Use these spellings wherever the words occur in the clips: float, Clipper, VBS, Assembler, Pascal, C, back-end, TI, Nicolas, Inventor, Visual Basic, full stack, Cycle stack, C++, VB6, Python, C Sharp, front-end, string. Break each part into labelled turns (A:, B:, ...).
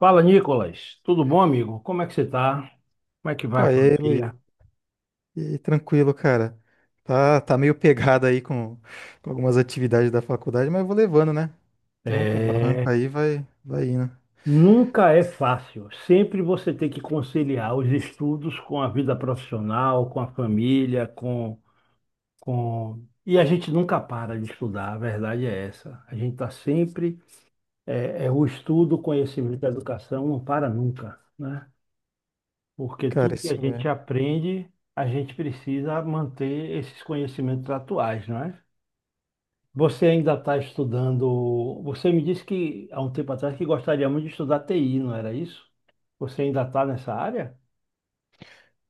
A: Fala, Nicolas. Tudo bom, amigo? Como é que você tá? Como é que
B: Pô,
A: vai a
B: e aí,
A: família?
B: Luiz? E aí, tranquilo, cara. Tá meio pegado aí com algumas atividades da faculdade, mas vou levando, né? Tronco, barranco
A: É,
B: aí vai indo.
A: nunca é fácil. Sempre você tem que conciliar os estudos com a vida profissional, com a família, com. E a gente nunca para de estudar, a verdade é essa. A gente está sempre. É, é o estudo, o conhecimento, a educação não para nunca, né? Porque
B: Cara,
A: tudo que a
B: isso
A: gente
B: é.
A: aprende, a gente precisa manter esses conhecimentos atuais, não é? Você ainda está estudando. Você me disse que há um tempo atrás que gostaria muito de estudar TI, não era isso? Você ainda está nessa área?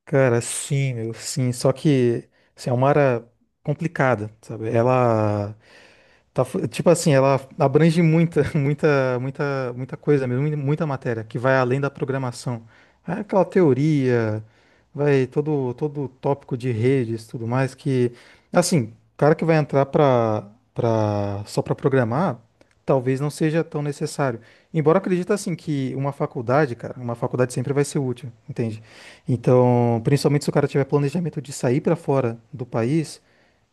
B: Cara, sim, meu, sim. Só que assim, é uma área complicada, sabe? Ela tá, tipo assim, ela abrange muita, muita coisa mesmo, muita matéria que vai além da programação. É aquela teoria, vai todo o tópico de redes, tudo mais que assim, o cara que vai entrar para só para programar, talvez não seja tão necessário. Embora eu acredite assim que uma faculdade, cara, uma faculdade sempre vai ser útil, entende? Então, principalmente se o cara tiver planejamento de sair para fora do país,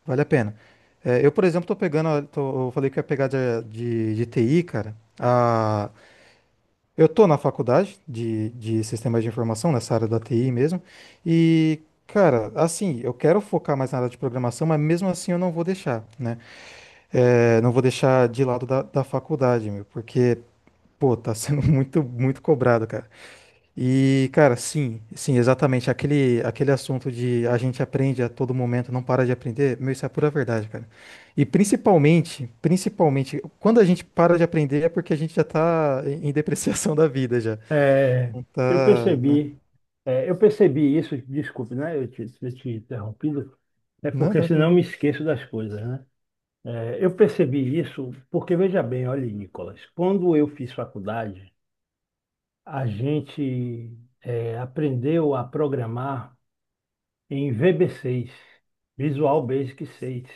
B: vale a pena. É, eu, por exemplo, tô pegando, eu falei que ia pegar de TI, cara. Eu tô na faculdade de sistemas de informação, nessa área da TI mesmo. E, cara, assim, eu quero focar mais na área de programação, mas mesmo assim eu não vou deixar, né? É, não vou deixar de lado da faculdade, meu, porque, pô, tá sendo muito, muito cobrado, cara. E, cara, sim, sim, exatamente. Aquele assunto de a gente aprende a todo momento, não para de aprender, meu, isso é a pura verdade, cara. E principalmente, quando a gente para de aprender é porque a gente já tá em depreciação da vida já.
A: É,
B: Não
A: Eu
B: tá, né?
A: percebi, eu percebi isso, desculpe, né? Ter te interrompido, é
B: Não,
A: porque senão eu
B: tranquilo.
A: me esqueço das coisas, né? É, eu percebi isso porque, veja bem, olha, Nicolas, quando eu fiz faculdade, a gente, aprendeu a programar em VB6, Visual Basic 6.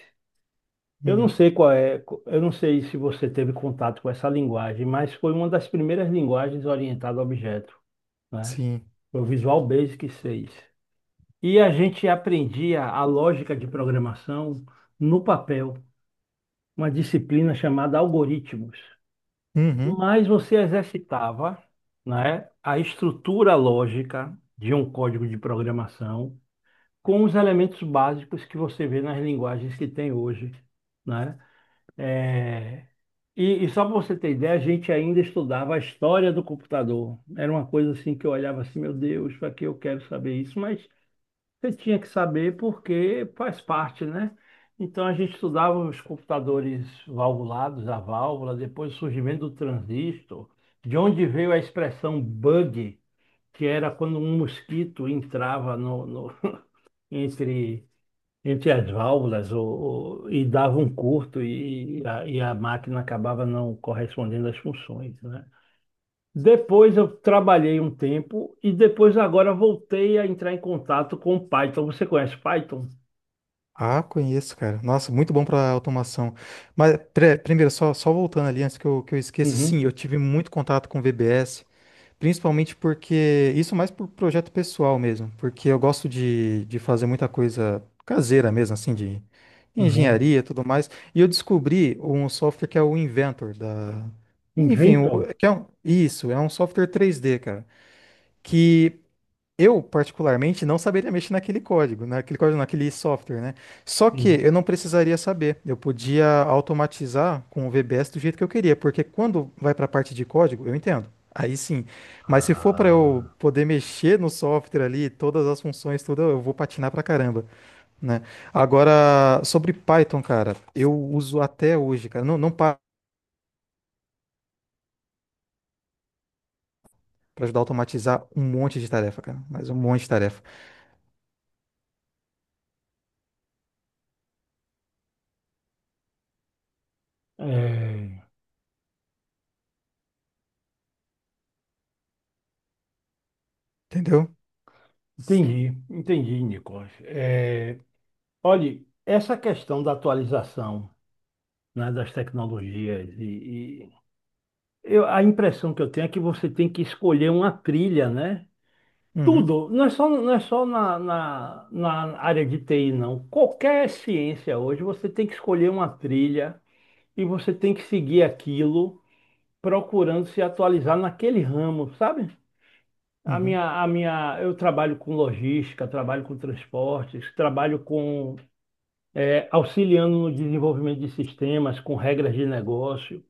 A: Eu não
B: Uhum.
A: sei qual é, eu não sei se você teve contato com essa linguagem, mas foi uma das primeiras linguagens orientada a objeto, né?
B: Sim.
A: Foi o Visual Basic 6. E a gente aprendia a lógica de programação no papel, uma disciplina chamada algoritmos.
B: Uhum.
A: Mas você exercitava, né, a estrutura lógica de um código de programação com os elementos básicos que você vê nas linguagens que tem hoje, né? É, e só para você ter ideia, a gente ainda estudava a história do computador. Era uma coisa assim que eu olhava assim, meu Deus, para que eu quero saber isso? Mas você tinha que saber porque faz parte, né? Então a gente estudava os computadores valvulados, a válvula, depois o surgimento do transistor, de onde veio a expressão bug, que era quando um mosquito entrava no entre entre as válvulas, e dava um curto, e a máquina acabava não correspondendo às funções, né? Depois eu trabalhei um tempo e depois agora voltei a entrar em contato com o Python. Você conhece Python?
B: Ah, conheço, cara. Nossa, muito bom para automação. Mas primeiro, só voltando ali antes que eu esqueça, sim,
A: Uhum,
B: eu tive muito contato com VBS. Principalmente porque. Isso mais por projeto pessoal mesmo. Porque eu gosto de fazer muita coisa caseira mesmo, assim, de
A: uhum.
B: engenharia e tudo mais. E eu descobri um software que é o Inventor da. Enfim,
A: Inventor?
B: que é isso, é um software 3D, cara. Que eu, particularmente, não saberia mexer naquele código, naquele software, né? Só que eu
A: Sim.
B: não precisaria saber. Eu podia automatizar com o VBS do jeito que eu queria, porque quando vai para a parte de código, eu entendo. Aí sim. Mas se for para eu
A: Ah,
B: poder mexer no software ali, todas as funções, tudo, eu vou patinar pra caramba, né? Agora, sobre Python, cara, eu uso até hoje, cara. Não, não para ajudar a automatizar um monte de tarefa, cara, mas um monte de tarefa,
A: É,
B: entendeu?
A: entendi, entendi, Nicolas. É, olhe, essa questão da atualização, né, das tecnologias, e, a impressão que eu tenho é que você tem que escolher uma trilha, né?
B: Uhum,
A: Tudo, não é só na área de TI, não. Qualquer ciência hoje, você tem que escolher uma trilha e você tem que seguir aquilo, procurando se atualizar naquele ramo, sabe?
B: uhum,
A: Eu trabalho com logística, trabalho com transportes, trabalho com, auxiliando no desenvolvimento de sistemas, com regras de negócio.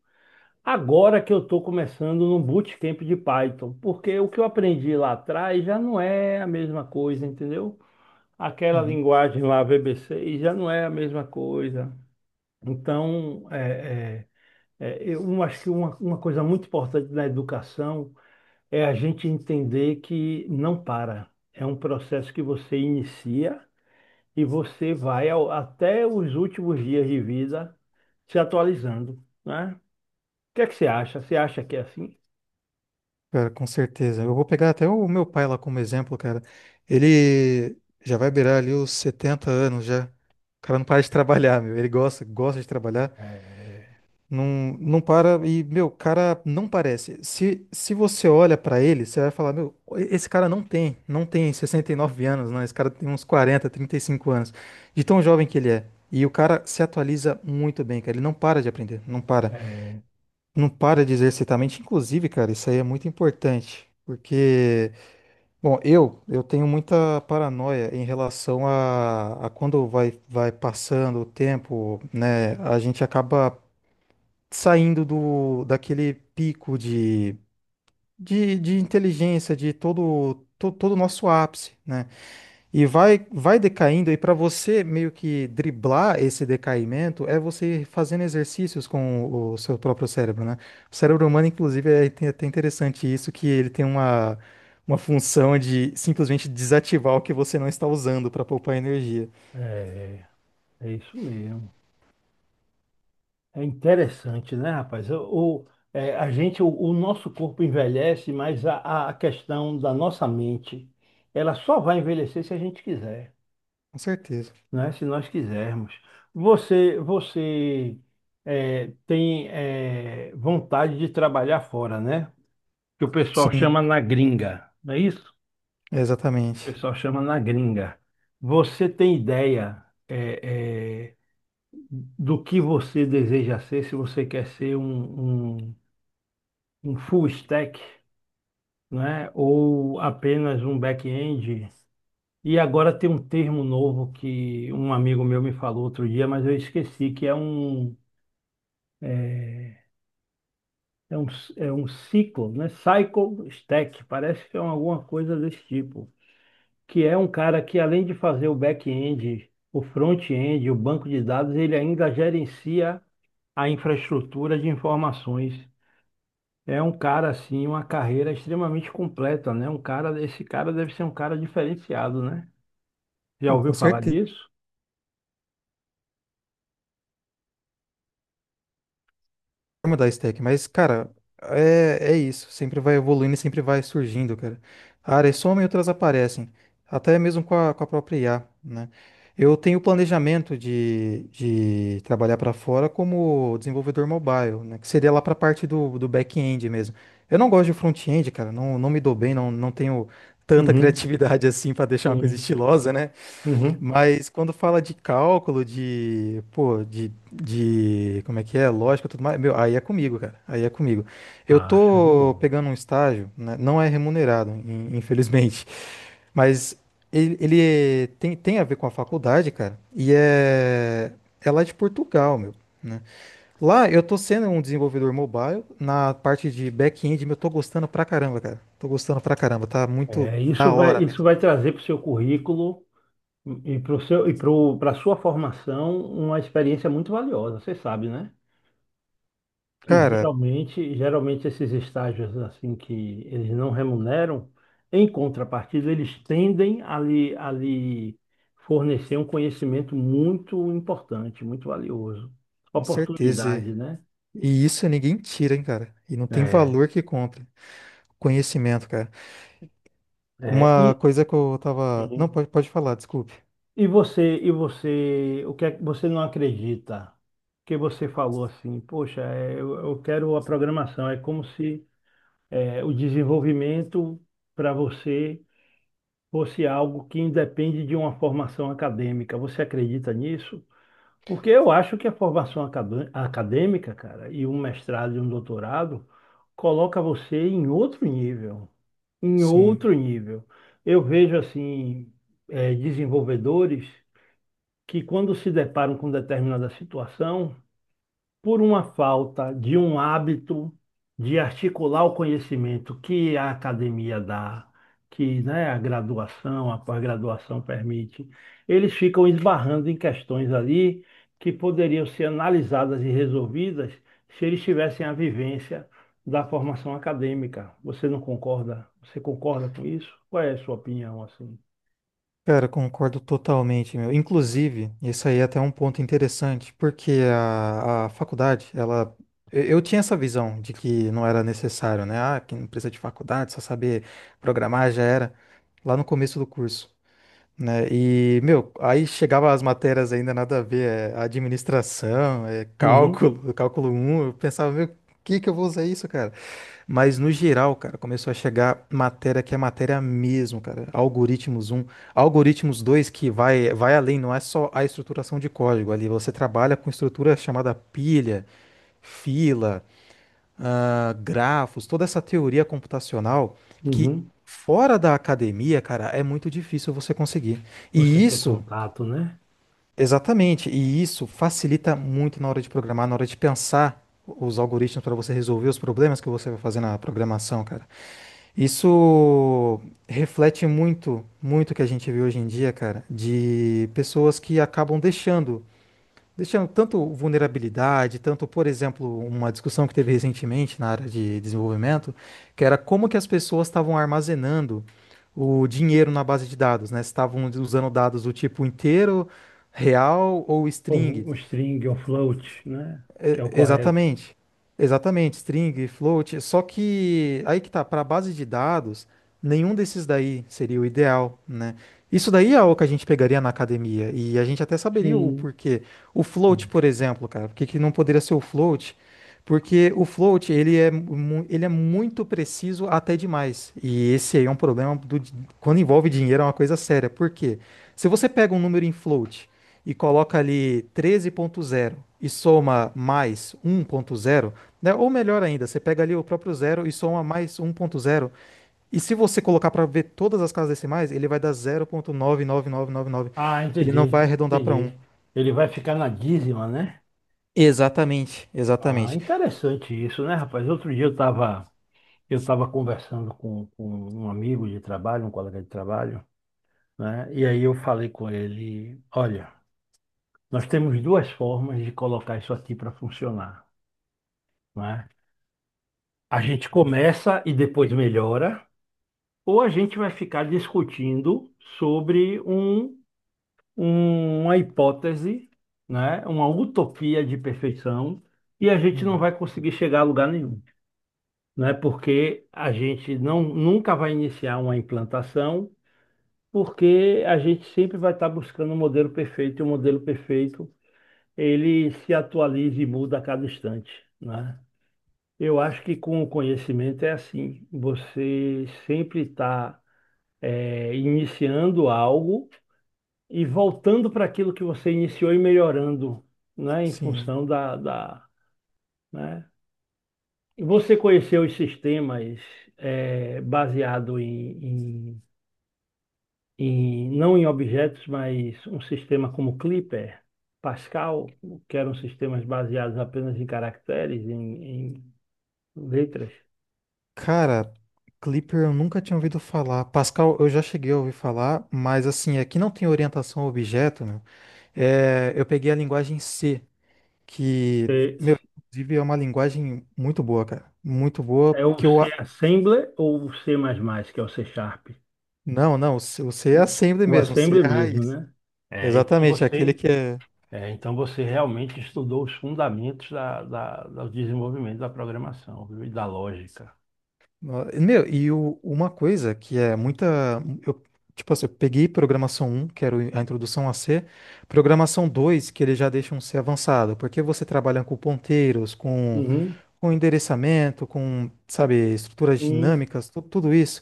A: Agora que eu estou começando num bootcamp de Python, porque o que eu aprendi lá atrás já não é a mesma coisa, entendeu? Aquela
B: uhum.
A: linguagem lá, VB6, já não é a mesma coisa. Então, acho que uma coisa muito importante na educação é a gente entender que não para. É um processo que você inicia e você vai até os últimos dias de vida se atualizando, né? O que é que você acha? Você acha que é assim?
B: Cara, com certeza. Eu vou pegar até o meu pai lá como exemplo, cara. Ele já vai beirar ali os 70 anos já. O cara não para de trabalhar, meu. Ele gosta, gosta de trabalhar. Não, não para e, meu, o cara não parece. Se você olha pra ele, você vai falar, meu, esse cara não tem 69 anos, não. Esse cara tem uns quarenta trinta e cinco anos. De tão jovem que ele é. E o cara se atualiza muito bem, cara. Ele não para de aprender, não para.
A: É,
B: Não para de exercitar a mente. Inclusive, cara, isso aí é muito importante. Porque, bom, eu tenho muita paranoia em relação a quando vai passando o tempo, né? A gente acaba saindo daquele pico de inteligência, de todo o nosso ápice, né? E vai decaindo, e para você meio que driblar esse decaimento, é você fazendo exercícios com o seu próprio cérebro, né? O cérebro humano, inclusive, é até interessante isso, que ele tem uma função de simplesmente desativar o que você não está usando para poupar energia.
A: é, é isso mesmo. É interessante, né, rapaz? O nosso corpo envelhece, mas a questão da nossa mente, ela só vai envelhecer se a gente quiser,
B: Com certeza.
A: né? Se nós quisermos. Você tem vontade de trabalhar fora, né? Que o pessoal
B: Sim,
A: chama na gringa, não é isso? O
B: exatamente.
A: pessoal chama na gringa. Você tem ideia? é, é, do que você deseja ser, se você quer ser um full stack, né? Ou apenas um back-end. E agora tem um termo novo que um amigo meu me falou outro dia, mas eu esqueci, que é é, é um, um ciclo, né? Cycle stack, parece que é alguma coisa desse tipo. Que é um cara que, além de fazer o back-end, o front-end, o banco de dados, ele ainda gerencia a infraestrutura de informações. É um cara assim, uma carreira extremamente completa, né? Um cara, esse cara deve ser um cara diferenciado, né? Já
B: Oh,
A: ouviu
B: com
A: falar
B: certeza.
A: disso?
B: Vai mudar a stack, mas, cara, é, é isso. Sempre vai evoluindo e sempre vai surgindo, cara. Áreas somem e outras aparecem. Até mesmo com a própria IA, né? Eu tenho planejamento de trabalhar para fora como desenvolvedor mobile, né? Que seria lá para a parte do back-end mesmo. Eu não gosto de front-end, cara. Não, não me dou bem, não, não tenho tanta
A: Uhum,
B: criatividade assim para deixar uma coisa
A: sim,
B: estilosa, né?
A: uhum.
B: Mas quando fala de cálculo, de, pô, como é que é, lógica, e tudo mais, meu, aí é comigo, cara, aí é comigo. Eu
A: Ah, show de
B: tô
A: bola.
B: pegando um estágio, né, não é remunerado, infelizmente, mas ele tem a ver com a faculdade, cara, e é lá de Portugal, meu, né? Lá eu tô sendo um desenvolvedor mobile, na parte de back-end, meu, eu tô gostando pra caramba, cara, tô gostando pra caramba, tá muito
A: É,
B: da
A: isso vai,
B: hora
A: isso
B: mesmo.
A: vai trazer para o seu currículo e para o seu, e para a sua formação uma experiência muito valiosa, você sabe, né? Que
B: Cara,
A: geralmente esses estágios assim que eles não remuneram, em contrapartida, eles tendem a lhe fornecer um conhecimento muito importante, muito valioso.
B: com certeza.
A: Oportunidade, né?
B: E isso ninguém tira, hein, cara. E não tem
A: É,
B: valor que compre. Conhecimento, cara.
A: é,
B: Uma
A: e,
B: coisa que eu tava. Não,
A: Sim.
B: pode, pode falar, desculpe.
A: E você, o que é que você não acredita? Que você falou assim, poxa, eu quero a programação. É como se o desenvolvimento para você fosse algo que independe de uma formação acadêmica. Você acredita nisso? Porque eu acho que a formação acadêmica, cara, e um mestrado e um doutorado coloca você em outro nível, em
B: Sim.
A: outro nível. Eu vejo assim, desenvolvedores que, quando se deparam com determinada situação, por uma falta de um hábito de articular o conhecimento que a academia dá, que, né, a graduação, a pós-graduação permite, eles ficam esbarrando em questões ali que poderiam ser analisadas e resolvidas se eles tivessem a vivência da formação acadêmica. Você não concorda? Você concorda com isso? Qual é a sua opinião assim?
B: Cara, concordo totalmente, meu. Inclusive, isso aí é até um ponto interessante, porque a faculdade, ela. Eu tinha essa visão de que não era necessário, né? Ah, que não precisa de faculdade, só saber programar já era. Lá no começo do curso. Né? E, meu, aí chegava as matérias ainda nada a ver, é administração, é
A: Uhum,
B: cálculo, cálculo um eu pensava, meu, que eu vou usar isso, cara? Mas no geral, cara, começou a chegar matéria que é matéria mesmo, cara. Algoritmos um algoritmos 2 que vai além, não é só a estruturação de código ali, você trabalha com estrutura chamada pilha, fila, ah, grafos, toda essa teoria computacional que
A: uhum.
B: fora da academia, cara, é muito difícil você conseguir.
A: Você
B: E
A: ter
B: isso,
A: contato, né?
B: exatamente, e isso facilita muito na hora de programar, na hora de pensar os algoritmos para você resolver os problemas que você vai fazer na programação, cara. Isso reflete muito, muito o que a gente vê hoje em dia, cara, de pessoas que acabam deixando tanto vulnerabilidade, tanto, por exemplo, uma discussão que teve recentemente na área de desenvolvimento, que era como que as pessoas estavam armazenando o dinheiro na base de dados, né? Se estavam usando dados do tipo inteiro, real ou
A: Ou
B: string.
A: o string, ou float, né? Que
B: É,
A: é o correto.
B: exatamente. Exatamente, string, float. Só que aí que tá, para base de dados, nenhum desses daí seria o ideal, né? Isso daí é o que a gente pegaria na academia e a gente até saberia o
A: Sim.
B: porquê. O float, por exemplo, cara, por que que não poderia ser o float? Porque o float, ele é, ele é muito preciso até demais. E esse aí é um problema quando envolve dinheiro, é uma coisa séria. Por quê? Se você pega um número em float e coloca ali 13.0 e soma mais 1.0, né? Ou melhor ainda, você pega ali o próprio zero e soma mais 1.0. E se você colocar para ver todas as casas decimais, ele vai dar 0.99999.
A: Ah,
B: Ele não
A: entendi,
B: vai arredondar para
A: entendi.
B: um.
A: Ele vai ficar na dízima, né?
B: Exatamente,
A: Ah,
B: exatamente.
A: interessante isso, né, rapaz? Outro dia eu estava, eu estava conversando com um amigo de trabalho, um colega de trabalho, né? E aí eu falei com ele, olha, nós temos duas formas de colocar isso aqui para funcionar, né? A gente começa e depois melhora, ou a gente vai ficar discutindo sobre um, uma hipótese, né? Uma utopia de perfeição, e a gente não
B: Uhum.
A: vai conseguir chegar a lugar nenhum, né? Porque a gente não nunca vai iniciar uma implantação, porque a gente sempre vai estar buscando um modelo perfeito, e o modelo perfeito, ele se atualiza e muda a cada instante, né? Eu acho que com o conhecimento é assim, você sempre está iniciando algo e voltando para aquilo que você iniciou e melhorando, né, em
B: Sim.
A: função da, né? Você conheceu os sistemas, baseado em não em objetos, mas um sistema como Clipper, Pascal, que eram sistemas baseados apenas em caracteres, em letras.
B: Cara, Clipper eu nunca tinha ouvido falar. Pascal eu já cheguei a ouvir falar, mas assim, aqui não tem orientação a objeto, meu. É, eu peguei a linguagem C. Que,
A: Eh,
B: meu, inclusive é uma linguagem muito boa, cara. Muito boa,
A: É o
B: que eu.
A: C Assembler, ou o C++, que é o C Sharp?
B: Não, não, o C é assembly
A: O
B: mesmo, o C
A: Assembly
B: é a
A: mesmo,
B: raiz.
A: né? É, então
B: Exatamente, é aquele
A: você
B: que é.
A: É, então você realmente estudou os fundamentos do desenvolvimento da programação, viu? E da lógica.
B: Meu, e uma coisa que é muita. Eu, tipo assim, eu peguei programação um que era a introdução a C, programação 2 que ele já deixa um C avançado, porque você trabalha com ponteiros, com,
A: Uhum,
B: com endereçamento, com, sabe, estruturas
A: sim.
B: dinâmicas, tudo isso.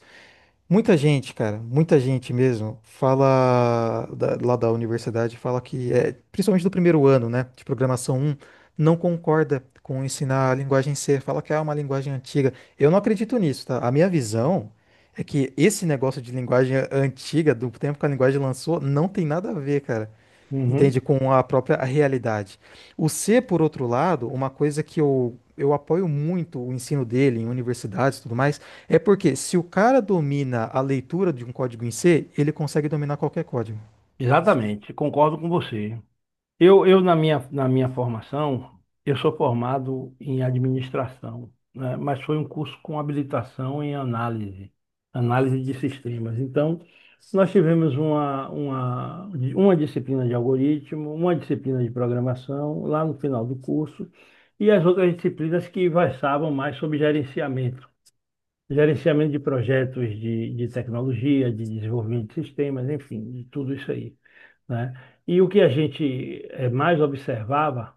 B: Muita gente, cara, muita gente mesmo, fala lá da universidade, fala que, é, principalmente do primeiro ano, né, de programação um, não concorda com ensinar a linguagem C, fala que é uma linguagem antiga. Eu não acredito nisso, tá? A minha visão é que esse negócio de linguagem antiga, do tempo que a linguagem lançou, não tem nada a ver, cara.
A: Uhum.
B: Entende? Com a própria realidade. O C, por outro lado, uma coisa que eu apoio muito o ensino dele em universidades e tudo mais, é porque se o cara domina a leitura de um código em C, ele consegue dominar qualquer código.
A: Exatamente, concordo com você. Eu, na minha formação, eu sou formado em administração, né? Mas foi um curso com habilitação em análise, análise de sistemas. Então, nós tivemos uma, uma disciplina de algoritmo, uma disciplina de programação lá no final do curso, e as outras disciplinas que versavam mais sobre gerenciamento, gerenciamento de projetos de tecnologia, de desenvolvimento de sistemas, enfim, de tudo isso aí, né? E o que a gente, mais observava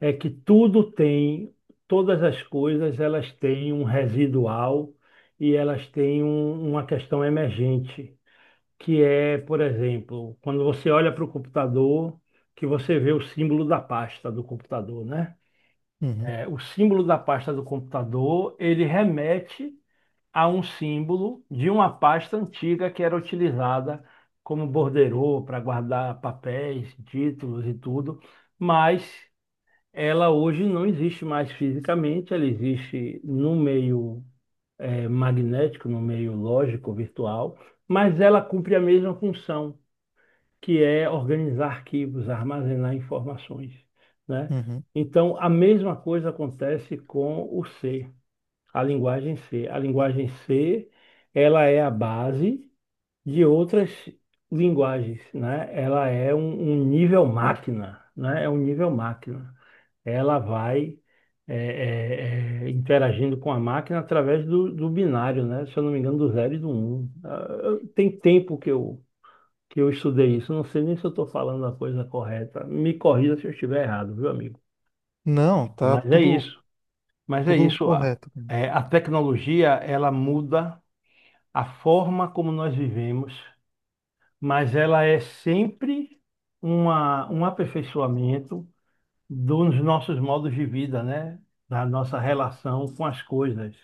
A: é que tudo tem, todas as coisas, elas têm um residual e elas têm uma questão emergente, que é, por exemplo, quando você olha para o computador, que você vê o símbolo da pasta do computador, né?
B: Uhum,
A: O símbolo da pasta do computador, ele remete a um símbolo de uma pasta antiga que era utilizada como borderô para guardar papéis, títulos e tudo, mas ela hoje não existe mais fisicamente, ela existe no meio, magnético, no meio lógico, virtual, mas ela cumpre a mesma função, que é organizar arquivos, armazenar informações, né?
B: uhum.
A: Então, a mesma coisa acontece com o ser. A linguagem C, ela é a base de outras linguagens, né? Ela é um nível máquina, né? É um nível máquina. Ela vai, interagindo com a máquina através do binário, né? Se eu não me engano, do zero e do um. Ah, tem tempo que eu estudei isso. Não sei nem se eu estou falando a coisa correta. Me corrija se eu estiver errado, viu, amigo?
B: Não, tá
A: Mas é
B: tudo,
A: isso. Mas é
B: tudo
A: isso.
B: correto, cara.
A: É, a tecnologia, ela muda a forma como nós vivemos, mas ela é sempre um aperfeiçoamento dos nossos modos de vida, né? Da nossa relação com as coisas,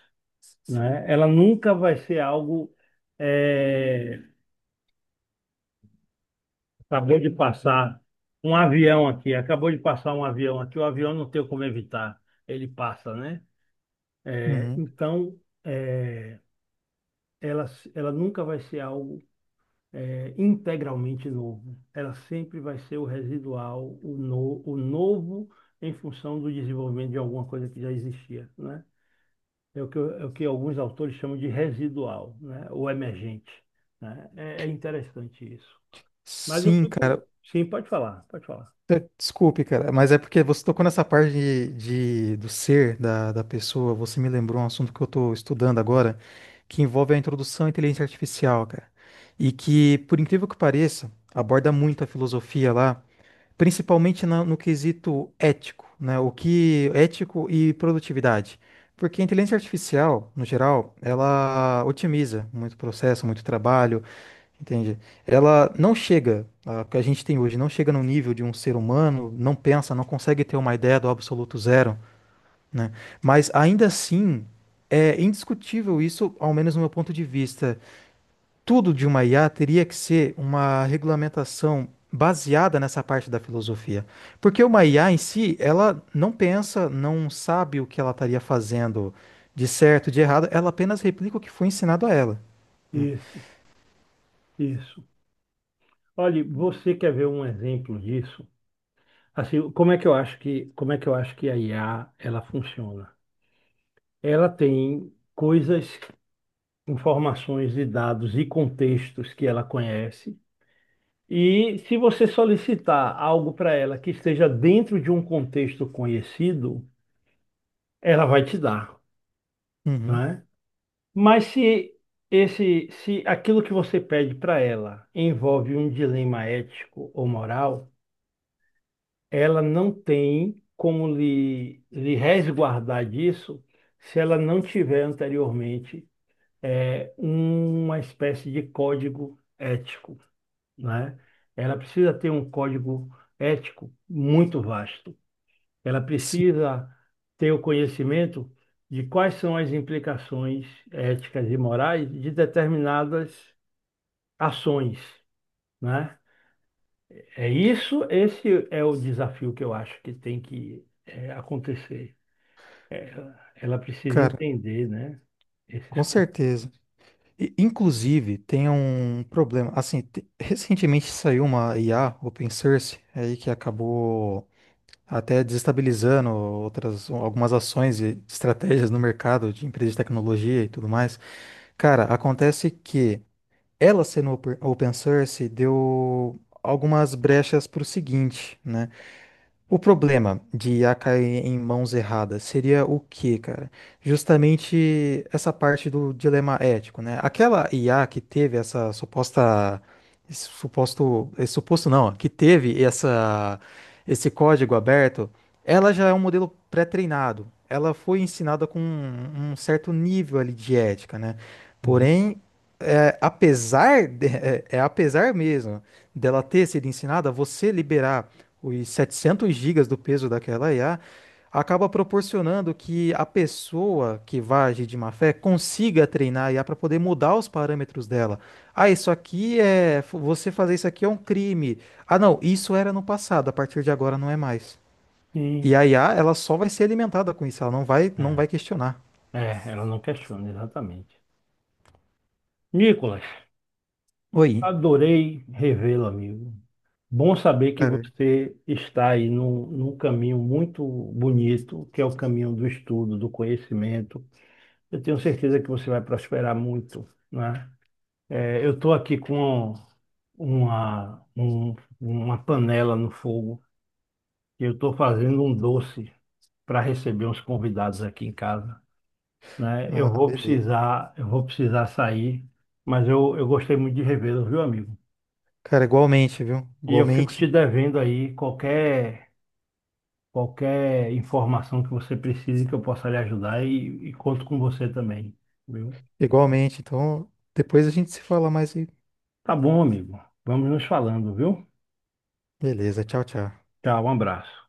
A: né? Ela nunca vai ser algo, eh, acabou de passar um avião aqui, acabou de passar um avião aqui, o avião não tem como evitar, ele passa, né?
B: Uhum.
A: Então, ela, ela nunca vai ser algo, integralmente novo. Ela sempre vai ser o residual, o, no, o novo em função do desenvolvimento de alguma coisa que já existia, né? É o que alguns autores chamam de residual, né? Ou emergente, né? É interessante isso. Mas eu
B: Sim,
A: fico.
B: cara.
A: Sim, pode falar, pode falar.
B: É, desculpe, cara, mas é porque você tocou nessa parte do ser da pessoa. Você me lembrou um assunto que eu estou estudando agora, que envolve a introdução à inteligência artificial, cara. E que, por incrível que pareça, aborda muito a filosofia lá, principalmente no quesito ético, né? O que ético e produtividade. Porque a inteligência artificial, no geral, ela otimiza muito processo, muito trabalho, entende? Ela não chega, a que a gente tem hoje, não chega no nível de um ser humano, não pensa, não consegue ter uma ideia do absoluto zero, né? Mas ainda assim, é indiscutível isso, ao menos no meu ponto de vista. Tudo de uma IA teria que ser uma regulamentação baseada nessa parte da filosofia. Porque uma IA em si, ela não pensa, não sabe o que ela estaria fazendo de certo, de errado, ela apenas replica o que foi ensinado a ela.
A: Isso, isso. Olha, você quer ver um exemplo disso? Assim, como é que eu acho que a IA ela funciona? Ela tem coisas, informações e dados e contextos que ela conhece. E se você solicitar algo para ela que esteja dentro de um contexto conhecido, ela vai te dar,
B: Uhum.
A: né? Mas se, se aquilo que você pede para ela envolve um dilema ético ou moral, ela não tem como lhe, resguardar disso se ela não tiver anteriormente é uma espécie de código ético. Né? Ela precisa ter um código ético muito vasto. Ela
B: Sim,
A: precisa ter o conhecimento de quais são as implicações éticas e morais de determinadas ações, né? É isso, esse é o desafio que eu acho que tem que, acontecer. Ela precisa
B: cara,
A: entender, né? Esses
B: com
A: con-
B: certeza. Inclusive, tem um problema. Assim, recentemente saiu uma IA open source aí que acabou até desestabilizando outras algumas ações e estratégias no mercado de empresas de tecnologia e tudo mais. Cara, acontece que ela sendo open source deu algumas brechas para o seguinte, né? O problema de a cair em mãos erradas seria o quê, cara? Justamente essa parte do dilema ético, né? Aquela IA que teve essa suposta, esse suposto não, que teve essa, esse código aberto, ela já é um modelo pré-treinado. Ela foi ensinada com um, um certo nível ali de ética, né?
A: Uhum.
B: Porém, é, apesar de- é é apesar mesmo dela ter sido ensinada, você liberar os 700 gigas do peso daquela IA, acaba proporcionando que a pessoa que vai agir de má fé consiga treinar a IA para poder mudar os parâmetros dela. Ah, isso aqui é. Você fazer isso aqui é um crime. Ah, não, isso era no passado, a partir de agora não é mais. E
A: Sim,
B: a IA, ela só vai ser alimentada com isso, ela não vai, não
A: é.
B: vai questionar.
A: É, ela não questiona, exatamente. Nicolas,
B: Oi.
A: adorei revê-lo, amigo. Bom saber que
B: Cara,
A: você está aí num, caminho muito bonito, que é o caminho do estudo, do conhecimento. Eu tenho certeza que você vai prosperar muito, né? Eu estou aqui com uma, uma panela no fogo, e eu estou fazendo um doce para receber uns convidados aqui em casa, né?
B: ah, beleza.
A: Eu vou precisar sair, mas eu gostei muito de revê-lo, viu, amigo?
B: Cara, igualmente, viu?
A: E eu fico
B: Igualmente,
A: te devendo aí qualquer, qualquer informação que você precise que eu possa lhe ajudar, e conto com você também, viu?
B: igualmente. Então, depois a gente se fala mais e.
A: Tá bom, amigo. Vamos nos falando, viu?
B: Beleza, tchau, tchau.
A: Tchau, um abraço.